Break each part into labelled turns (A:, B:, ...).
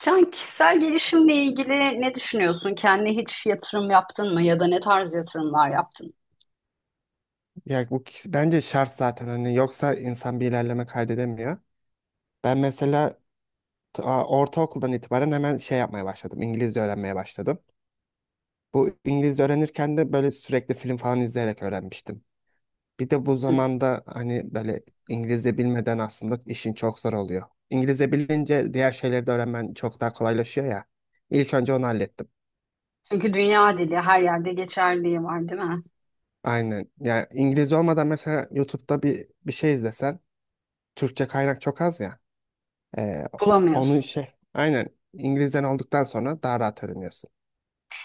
A: Can, kişisel gelişimle ilgili ne düşünüyorsun? Kendine hiç yatırım yaptın mı ya da ne tarz yatırımlar yaptın?
B: Ya bence şart zaten hani yoksa insan bir ilerleme kaydedemiyor. Ben mesela ortaokuldan itibaren hemen şey yapmaya başladım. İngilizce öğrenmeye başladım. Bu İngilizce öğrenirken de böyle sürekli film falan izleyerek öğrenmiştim. Bir de bu
A: Hı.
B: zamanda hani böyle İngilizce bilmeden aslında işin çok zor oluyor. İngilizce bilince diğer şeyleri de öğrenmen çok daha kolaylaşıyor ya. İlk önce onu hallettim.
A: Çünkü dünya dili her yerde geçerliği var, değil mi?
B: Aynen. Ya İngilizce olmadan mesela YouTube'da bir şey izlesen Türkçe kaynak çok az ya. Ee, Onu
A: Bulamıyorsun.
B: şey aynen İngilizden olduktan sonra daha rahat öğreniyorsun.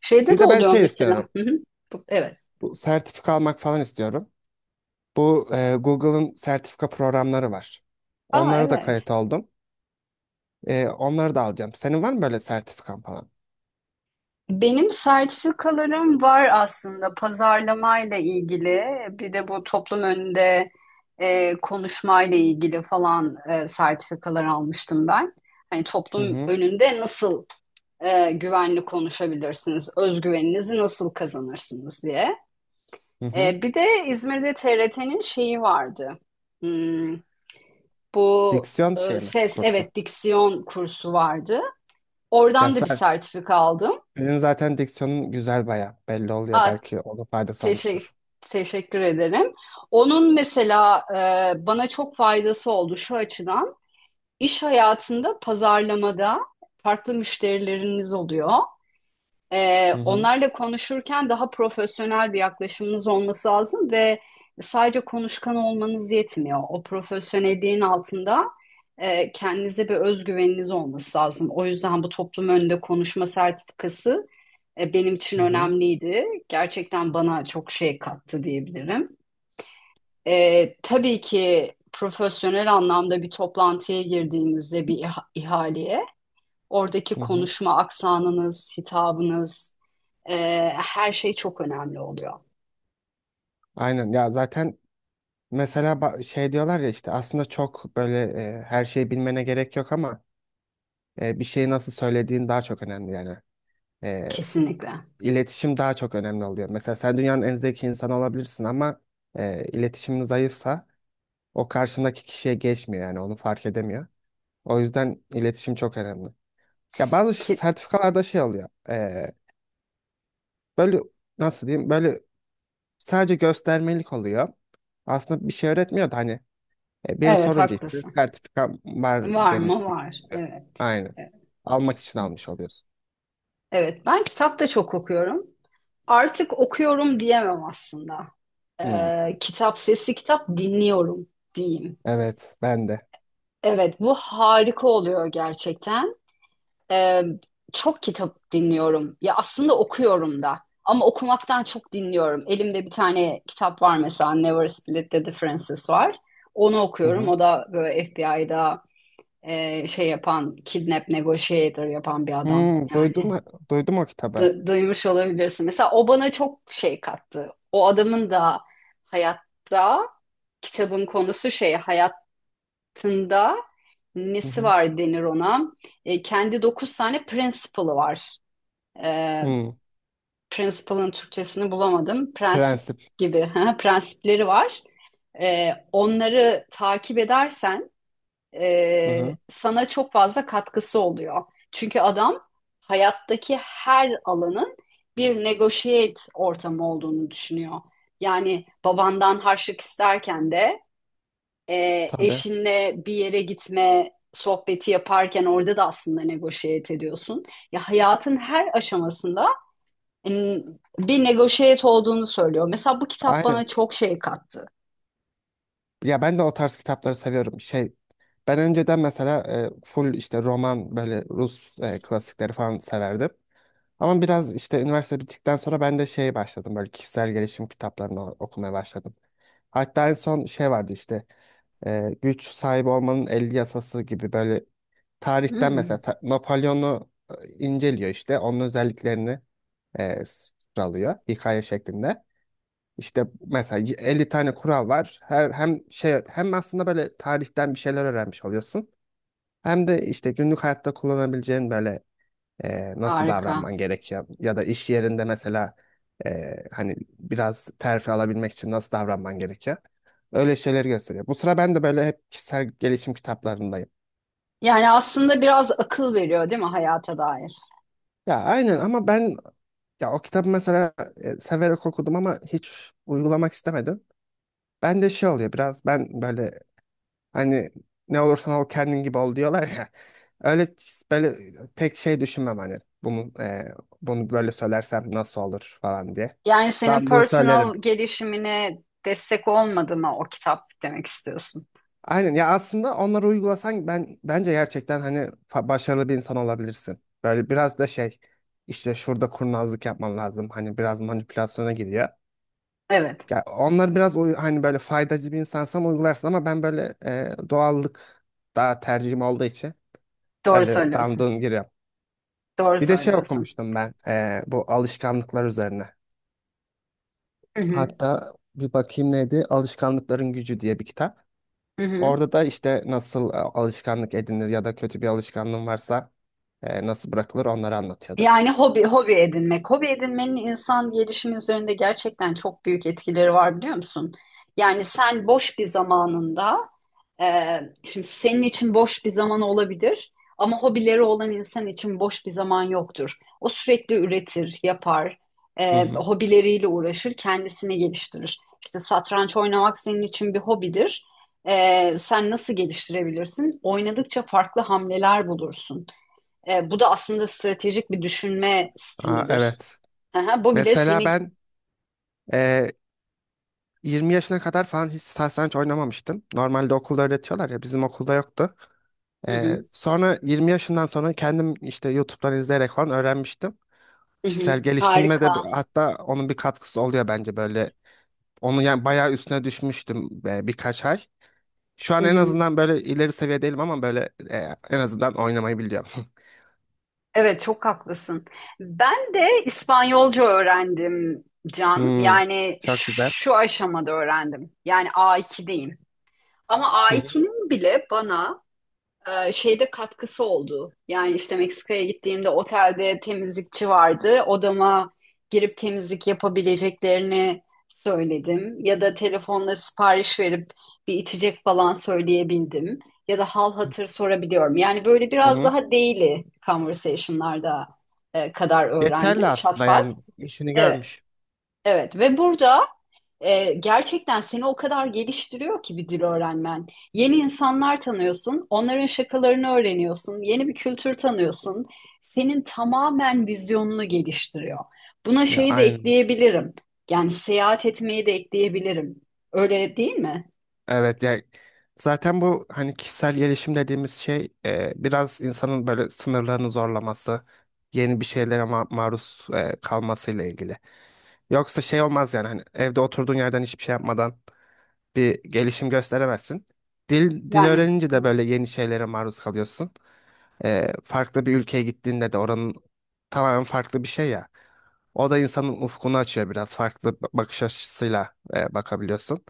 A: Şeyde
B: Bir
A: de
B: de ben
A: oluyor
B: şey
A: mesela.
B: istiyorum.
A: Hı hı. Bu- Evet.
B: Bu sertifika almak falan istiyorum. Bu Google'ın sertifika programları var.
A: Aa
B: Onlara da
A: evet.
B: kayıt oldum. Onları da alacağım. Senin var mı böyle sertifikan falan?
A: Benim sertifikalarım var aslında pazarlamayla ilgili. Bir de bu toplum önünde konuşmayla ilgili falan sertifikalar almıştım ben. Hani
B: Hı
A: toplum
B: hı.
A: önünde nasıl güvenli konuşabilirsiniz, özgüveninizi nasıl kazanırsınız diye.
B: Hı hı.
A: Bir de İzmir'de TRT'nin şeyi vardı. Hmm, bu
B: Diksiyon şey mi
A: ses,
B: kursu?
A: evet diksiyon kursu vardı.
B: Ya
A: Oradan da bir
B: sen,
A: sertifika aldım.
B: Senin zaten diksiyonun güzel, baya belli oluyor.
A: Ah,
B: Belki ona faydası
A: teşe-
B: olmuştur.
A: teşekkür ederim. Onun mesela bana çok faydası oldu şu açıdan. İş hayatında pazarlamada farklı müşterileriniz oluyor.
B: Hı hı,
A: Onlarla konuşurken daha profesyonel bir yaklaşımınız olması lazım ve sadece konuşkan olmanız yetmiyor. O profesyonelliğin altında kendinize bir özgüveniniz olması lazım. O yüzden bu toplum önünde konuşma sertifikası benim için
B: hı hı,
A: önemliydi. Gerçekten bana çok şey kattı diyebilirim. Tabii ki profesyonel anlamda bir toplantıya girdiğinizde bir ihaleye, oradaki
B: hı hı.
A: konuşma aksanınız, hitabınız, e, her şey çok önemli oluyor.
B: Aynen ya, zaten mesela şey diyorlar ya, işte aslında çok böyle her şeyi bilmene gerek yok ama bir şeyi nasıl söylediğin daha çok önemli yani. E,
A: Kesinlikle.
B: iletişim daha çok önemli oluyor. Mesela sen dünyanın en zeki insanı olabilirsin ama iletişimin zayıfsa o karşındaki kişiye geçmiyor, yani onu fark edemiyor. O yüzden iletişim çok önemli. Ya bazı
A: Ki,
B: sertifikalarda şey oluyor. Böyle, nasıl diyeyim? Böyle sadece göstermelik oluyor. Aslında bir şey öğretmiyor da hani biri
A: evet
B: sorunca işte
A: haklısın.
B: sertifika var
A: Var mı?
B: demişsin
A: Var.
B: oluyor.
A: Evet.
B: Aynen.
A: Evet,
B: Almak için almış oluyorsun.
A: Evet, ben kitap da çok okuyorum. Artık okuyorum diyemem aslında.
B: Hmm,
A: Kitap sesi kitap dinliyorum diyeyim.
B: evet, ben de.
A: Evet, bu harika oluyor gerçekten. Ee, Çok kitap dinliyorum. Ya aslında okuyorum da. Ama okumaktan çok dinliyorum. Elimde bir tane kitap var mesela Never Split the Differences var. Onu
B: Hı
A: okuyorum.
B: hı.
A: O da böyle FBI'da şey yapan, kidnap negotiator yapan bir adam.
B: Hmm,
A: Yani
B: duydum duydum o kitabı.
A: duymuş olabilirsin. Mesela o bana çok şey kattı. O adamın da hayatta kitabın konusu şey hayat hayatında
B: Hı
A: nesi
B: hı.
A: var denir ona? Kendi 9 tane principle'ı var. E,
B: Hmm,
A: Principle'ın Türkçesini bulamadım. Prensip
B: Prensip.
A: gibi prensipleri var. Onları takip edersen
B: Hı hı.
A: sana çok fazla katkısı oluyor. Çünkü adam hayattaki her alanın bir negotiate ortamı olduğunu düşünüyor. Yani babandan harçlık isterken de e,
B: Tabii.
A: eşinle bir yere gitme sohbeti yaparken orada da aslında negoşiyet ediyorsun. Ya hayatın her aşamasında bir negoşiyet olduğunu söylüyor. Mesela bu kitap
B: Aynen.
A: bana çok şey kattı.
B: Ya ben de o tarz kitapları seviyorum. Şey, ben önceden mesela full işte roman, böyle Rus klasikleri falan severdim. Ama biraz işte üniversite bittikten sonra ben de şeye başladım. Böyle kişisel gelişim kitaplarını okumaya başladım. Hatta en son şey vardı işte, güç sahibi olmanın 50 yasası gibi, böyle tarihten
A: Hmm,
B: mesela Napolyon'u inceliyor işte. Onun özelliklerini sıralıyor hikaye şeklinde. İşte mesela 50 tane kural var. Her hem şey, hem aslında böyle tarihten bir şeyler öğrenmiş oluyorsun. Hem de işte günlük hayatta kullanabileceğin böyle nasıl
A: harika.
B: davranman gerekiyor, ya da iş yerinde mesela hani biraz terfi alabilmek için nasıl davranman gerekiyor. Öyle şeyleri gösteriyor. Bu sıra ben de böyle hep kişisel gelişim kitaplarındayım.
A: Yani aslında biraz akıl veriyor değil mi hayata dair?
B: Ya aynen, ama ben, ya o kitabı mesela severek okudum ama hiç uygulamak istemedim. Ben de şey oluyor, biraz ben böyle, hani ne olursan ol kendin gibi ol diyorlar ya. Öyle böyle pek şey düşünmem hani bunu e, bunu böyle söylersem nasıl olur falan diye.
A: Yani senin
B: Dandun
A: personal
B: söylerim.
A: gelişimine destek olmadı mı o kitap demek istiyorsun.
B: Aynen ya, aslında onları uygulasan ben bence gerçekten hani başarılı bir insan olabilirsin. Böyle biraz da şey, işte şurada kurnazlık yapman lazım. Hani biraz manipülasyona giriyor.
A: Evet,
B: Ya onlar biraz hani böyle faydacı bir insansan uygularsın ama ben böyle doğallık daha tercihim olduğu için
A: doğru
B: öyle
A: söylüyorsun.
B: damdığım giriyorum.
A: Doğru
B: Bir de şey
A: söylüyorsun.
B: okumuştum ben, bu alışkanlıklar üzerine.
A: Hı hı,
B: Hatta bir bakayım, neydi? Alışkanlıkların Gücü diye bir kitap.
A: hı hı.
B: Orada da işte nasıl alışkanlık edinir ya da kötü bir alışkanlığın varsa nasıl bırakılır, onları anlatıyordu.
A: Yani hobi hobi edinmek. Hobi edinmenin insan gelişimi üzerinde gerçekten çok büyük etkileri var biliyor musun? Yani sen boş bir zamanında şimdi senin için boş bir zaman olabilir ama hobileri olan insan için boş bir zaman yoktur. O sürekli üretir, yapar,
B: Hı hı.
A: hobileriyle uğraşır, kendisini geliştirir. İşte satranç oynamak senin için bir hobidir. Sen nasıl geliştirebilirsin? Oynadıkça farklı hamleler bulursun. Bu da aslında stratejik bir düşünme
B: Aa,
A: stilidir.
B: evet.
A: Aha, bu bile
B: Mesela
A: seni...
B: ben e, 20 yaşına kadar falan hiç satranç oynamamıştım. Normalde okulda öğretiyorlar ya, bizim okulda yoktu.
A: Hı hı,
B: Sonra 20 yaşından sonra kendim işte YouTube'dan izleyerek falan öğrenmiştim.
A: hı hı.
B: Kişisel gelişimle de
A: Harika.
B: hatta onun bir katkısı oluyor bence böyle. Onu yani bayağı üstüne düşmüştüm, birkaç ay. Şu
A: Hı
B: an en
A: hı.
B: azından böyle ileri seviye değilim ama böyle en azından oynamayı biliyorum.
A: Evet, çok haklısın. Ben de İspanyolca öğrendim Can.
B: Hmm,
A: Yani
B: çok güzel.
A: şu aşamada öğrendim. Yani A2'deyim. Ama
B: Hı hı.
A: A2'nin bile bana şeyde katkısı oldu. Yani işte Meksika'ya gittiğimde otelde temizlikçi vardı. Odama girip temizlik yapabileceklerini söyledim. Ya da telefonla sipariş verip bir içecek falan söyleyebildim. Ya da hal hatır sorabiliyorum. Yani böyle
B: Hı
A: biraz
B: hı.
A: daha daily conversation'larda kadar öğrendim.
B: Yeterli
A: Çat
B: aslında,
A: pat.
B: yani işini
A: Evet.
B: görmüş.
A: Evet ve burada gerçekten seni o kadar geliştiriyor ki bir dil öğrenmen. Yeni insanlar tanıyorsun, onların şakalarını öğreniyorsun, yeni bir kültür tanıyorsun. Senin tamamen vizyonunu geliştiriyor. Buna
B: Ya
A: şeyi de
B: aynen.
A: ekleyebilirim. Yani seyahat etmeyi de ekleyebilirim. Öyle değil mi?
B: Evet, yani zaten bu hani kişisel gelişim dediğimiz şey biraz insanın böyle sınırlarını zorlaması, yeni bir şeylere maruz kalmasıyla ilgili. Yoksa şey olmaz yani, hani evde oturduğun yerden hiçbir şey yapmadan bir gelişim gösteremezsin. Dil
A: Yani
B: öğrenince de
A: evet.
B: böyle yeni şeylere maruz kalıyorsun. Farklı bir ülkeye gittiğinde de oranın tamamen farklı bir şey ya. O da insanın ufkunu açıyor, biraz farklı bakış açısıyla bakabiliyorsun.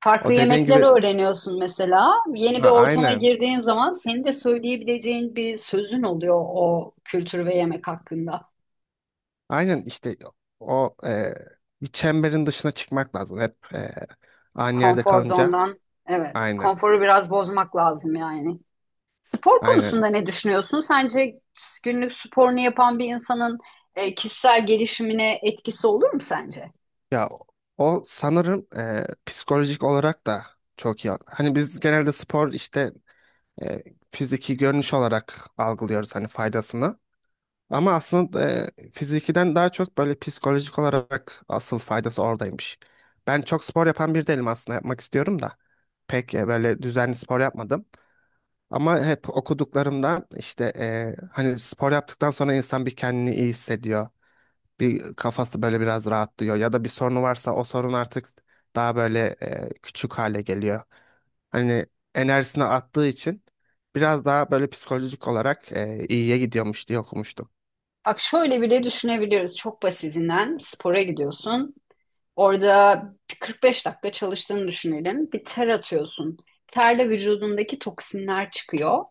A: Farklı
B: O dediğin
A: yemekler
B: gibi,
A: öğreniyorsun mesela. Yeni bir
B: ha,
A: ortama
B: aynen.
A: girdiğin zaman senin de söyleyebileceğin bir sözün oluyor o kültür ve yemek hakkında.
B: Aynen işte, o bir çemberin dışına çıkmak lazım hep, aynı yerde
A: Konfor
B: kalınca.
A: zondan. Evet.
B: Aynen,
A: Konforu biraz bozmak lazım yani. Spor
B: aynen.
A: konusunda ne düşünüyorsun? Sence günlük sporunu yapan bir insanın kişisel gelişimine etkisi olur mu sence?
B: Ya o sanırım psikolojik olarak da çok iyi. Hani biz genelde spor işte e, fiziki görünüş olarak algılıyoruz hani faydasını. Ama aslında fizikiden daha çok böyle psikolojik olarak asıl faydası oradaymış. Ben çok spor yapan bir değilim aslında, yapmak istiyorum da. Pek böyle düzenli spor yapmadım. Ama hep okuduklarımda işte hani spor yaptıktan sonra insan bir kendini iyi hissediyor. Bir kafası böyle biraz rahatlıyor. Ya da bir sorunu varsa o sorun artık daha böyle küçük hale geliyor. Hani enerjisini attığı için biraz daha böyle psikolojik olarak iyiye gidiyormuş diye okumuştum.
A: Bak şöyle bile düşünebiliriz. Çok basitinden spora gidiyorsun. Orada 45 dakika çalıştığını düşünelim. Bir ter atıyorsun. Terle vücudundaki toksinler çıkıyor.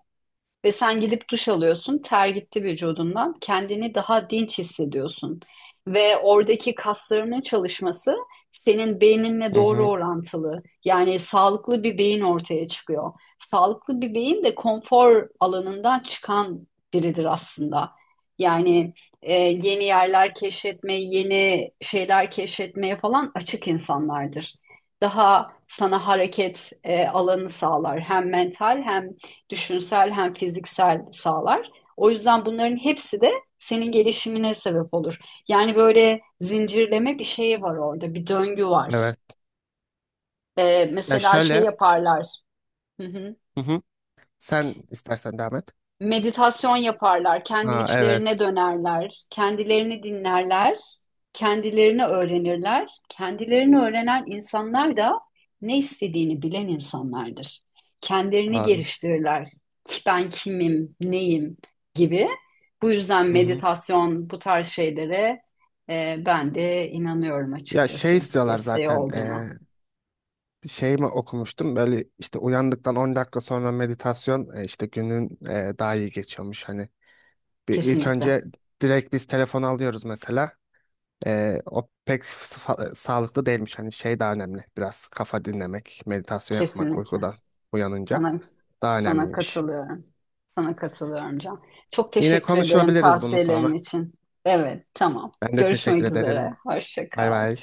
A: Ve sen gidip duş alıyorsun, ter gitti vücudundan, kendini daha dinç hissediyorsun. Ve oradaki kaslarının çalışması senin beyninle
B: Hı
A: doğru
B: hı,
A: orantılı. Yani sağlıklı bir beyin ortaya çıkıyor. Sağlıklı bir beyin de konfor alanından çıkan biridir aslında. Yani yeni yerler keşfetmeye, yeni şeyler keşfetmeye falan açık insanlardır. Daha sana hareket alanı sağlar. Hem mental hem düşünsel hem fiziksel sağlar. O yüzden bunların hepsi de senin gelişimine sebep olur. Yani böyle zincirleme bir şey var orada, bir döngü var.
B: evet. Ya
A: Mesela şey
B: şöyle.
A: yaparlar. Hı hı.
B: Hı hı. Sen istersen devam et.
A: Meditasyon yaparlar, kendi
B: Ha,
A: içlerine
B: evet.
A: dönerler, kendilerini dinlerler, kendilerini öğrenirler. Kendilerini öğrenen insanlar da ne istediğini bilen insanlardır. Kendilerini
B: Doğru.
A: geliştirirler. Ki ben kimim, neyim gibi. Bu yüzden
B: Hı hı.
A: meditasyon bu tarz şeylere ben de inanıyorum
B: Ya şey
A: açıkçası
B: istiyorlar
A: desteği
B: zaten.
A: olduğuna.
B: Bir şey mi okumuştum? Böyle işte uyandıktan 10 dakika sonra meditasyon işte günün daha iyi geçiyormuş. Hani bir ilk
A: Kesinlikle,
B: önce direkt biz telefonu alıyoruz mesela. O pek sağlıklı değilmiş. Hani şey daha önemli. Biraz kafa dinlemek, meditasyon yapmak
A: kesinlikle.
B: uykudan uyanınca
A: Sana,
B: daha
A: sana
B: önemliymiş.
A: katılıyorum. Sana katılıyorum Can. Çok
B: Yine
A: teşekkür ederim
B: konuşabiliriz bunu
A: tavsiyelerin
B: sonra.
A: için. Evet, tamam.
B: Ben de teşekkür
A: Görüşmek üzere.
B: ederim.
A: Hoşça
B: Bay
A: kal.
B: bay.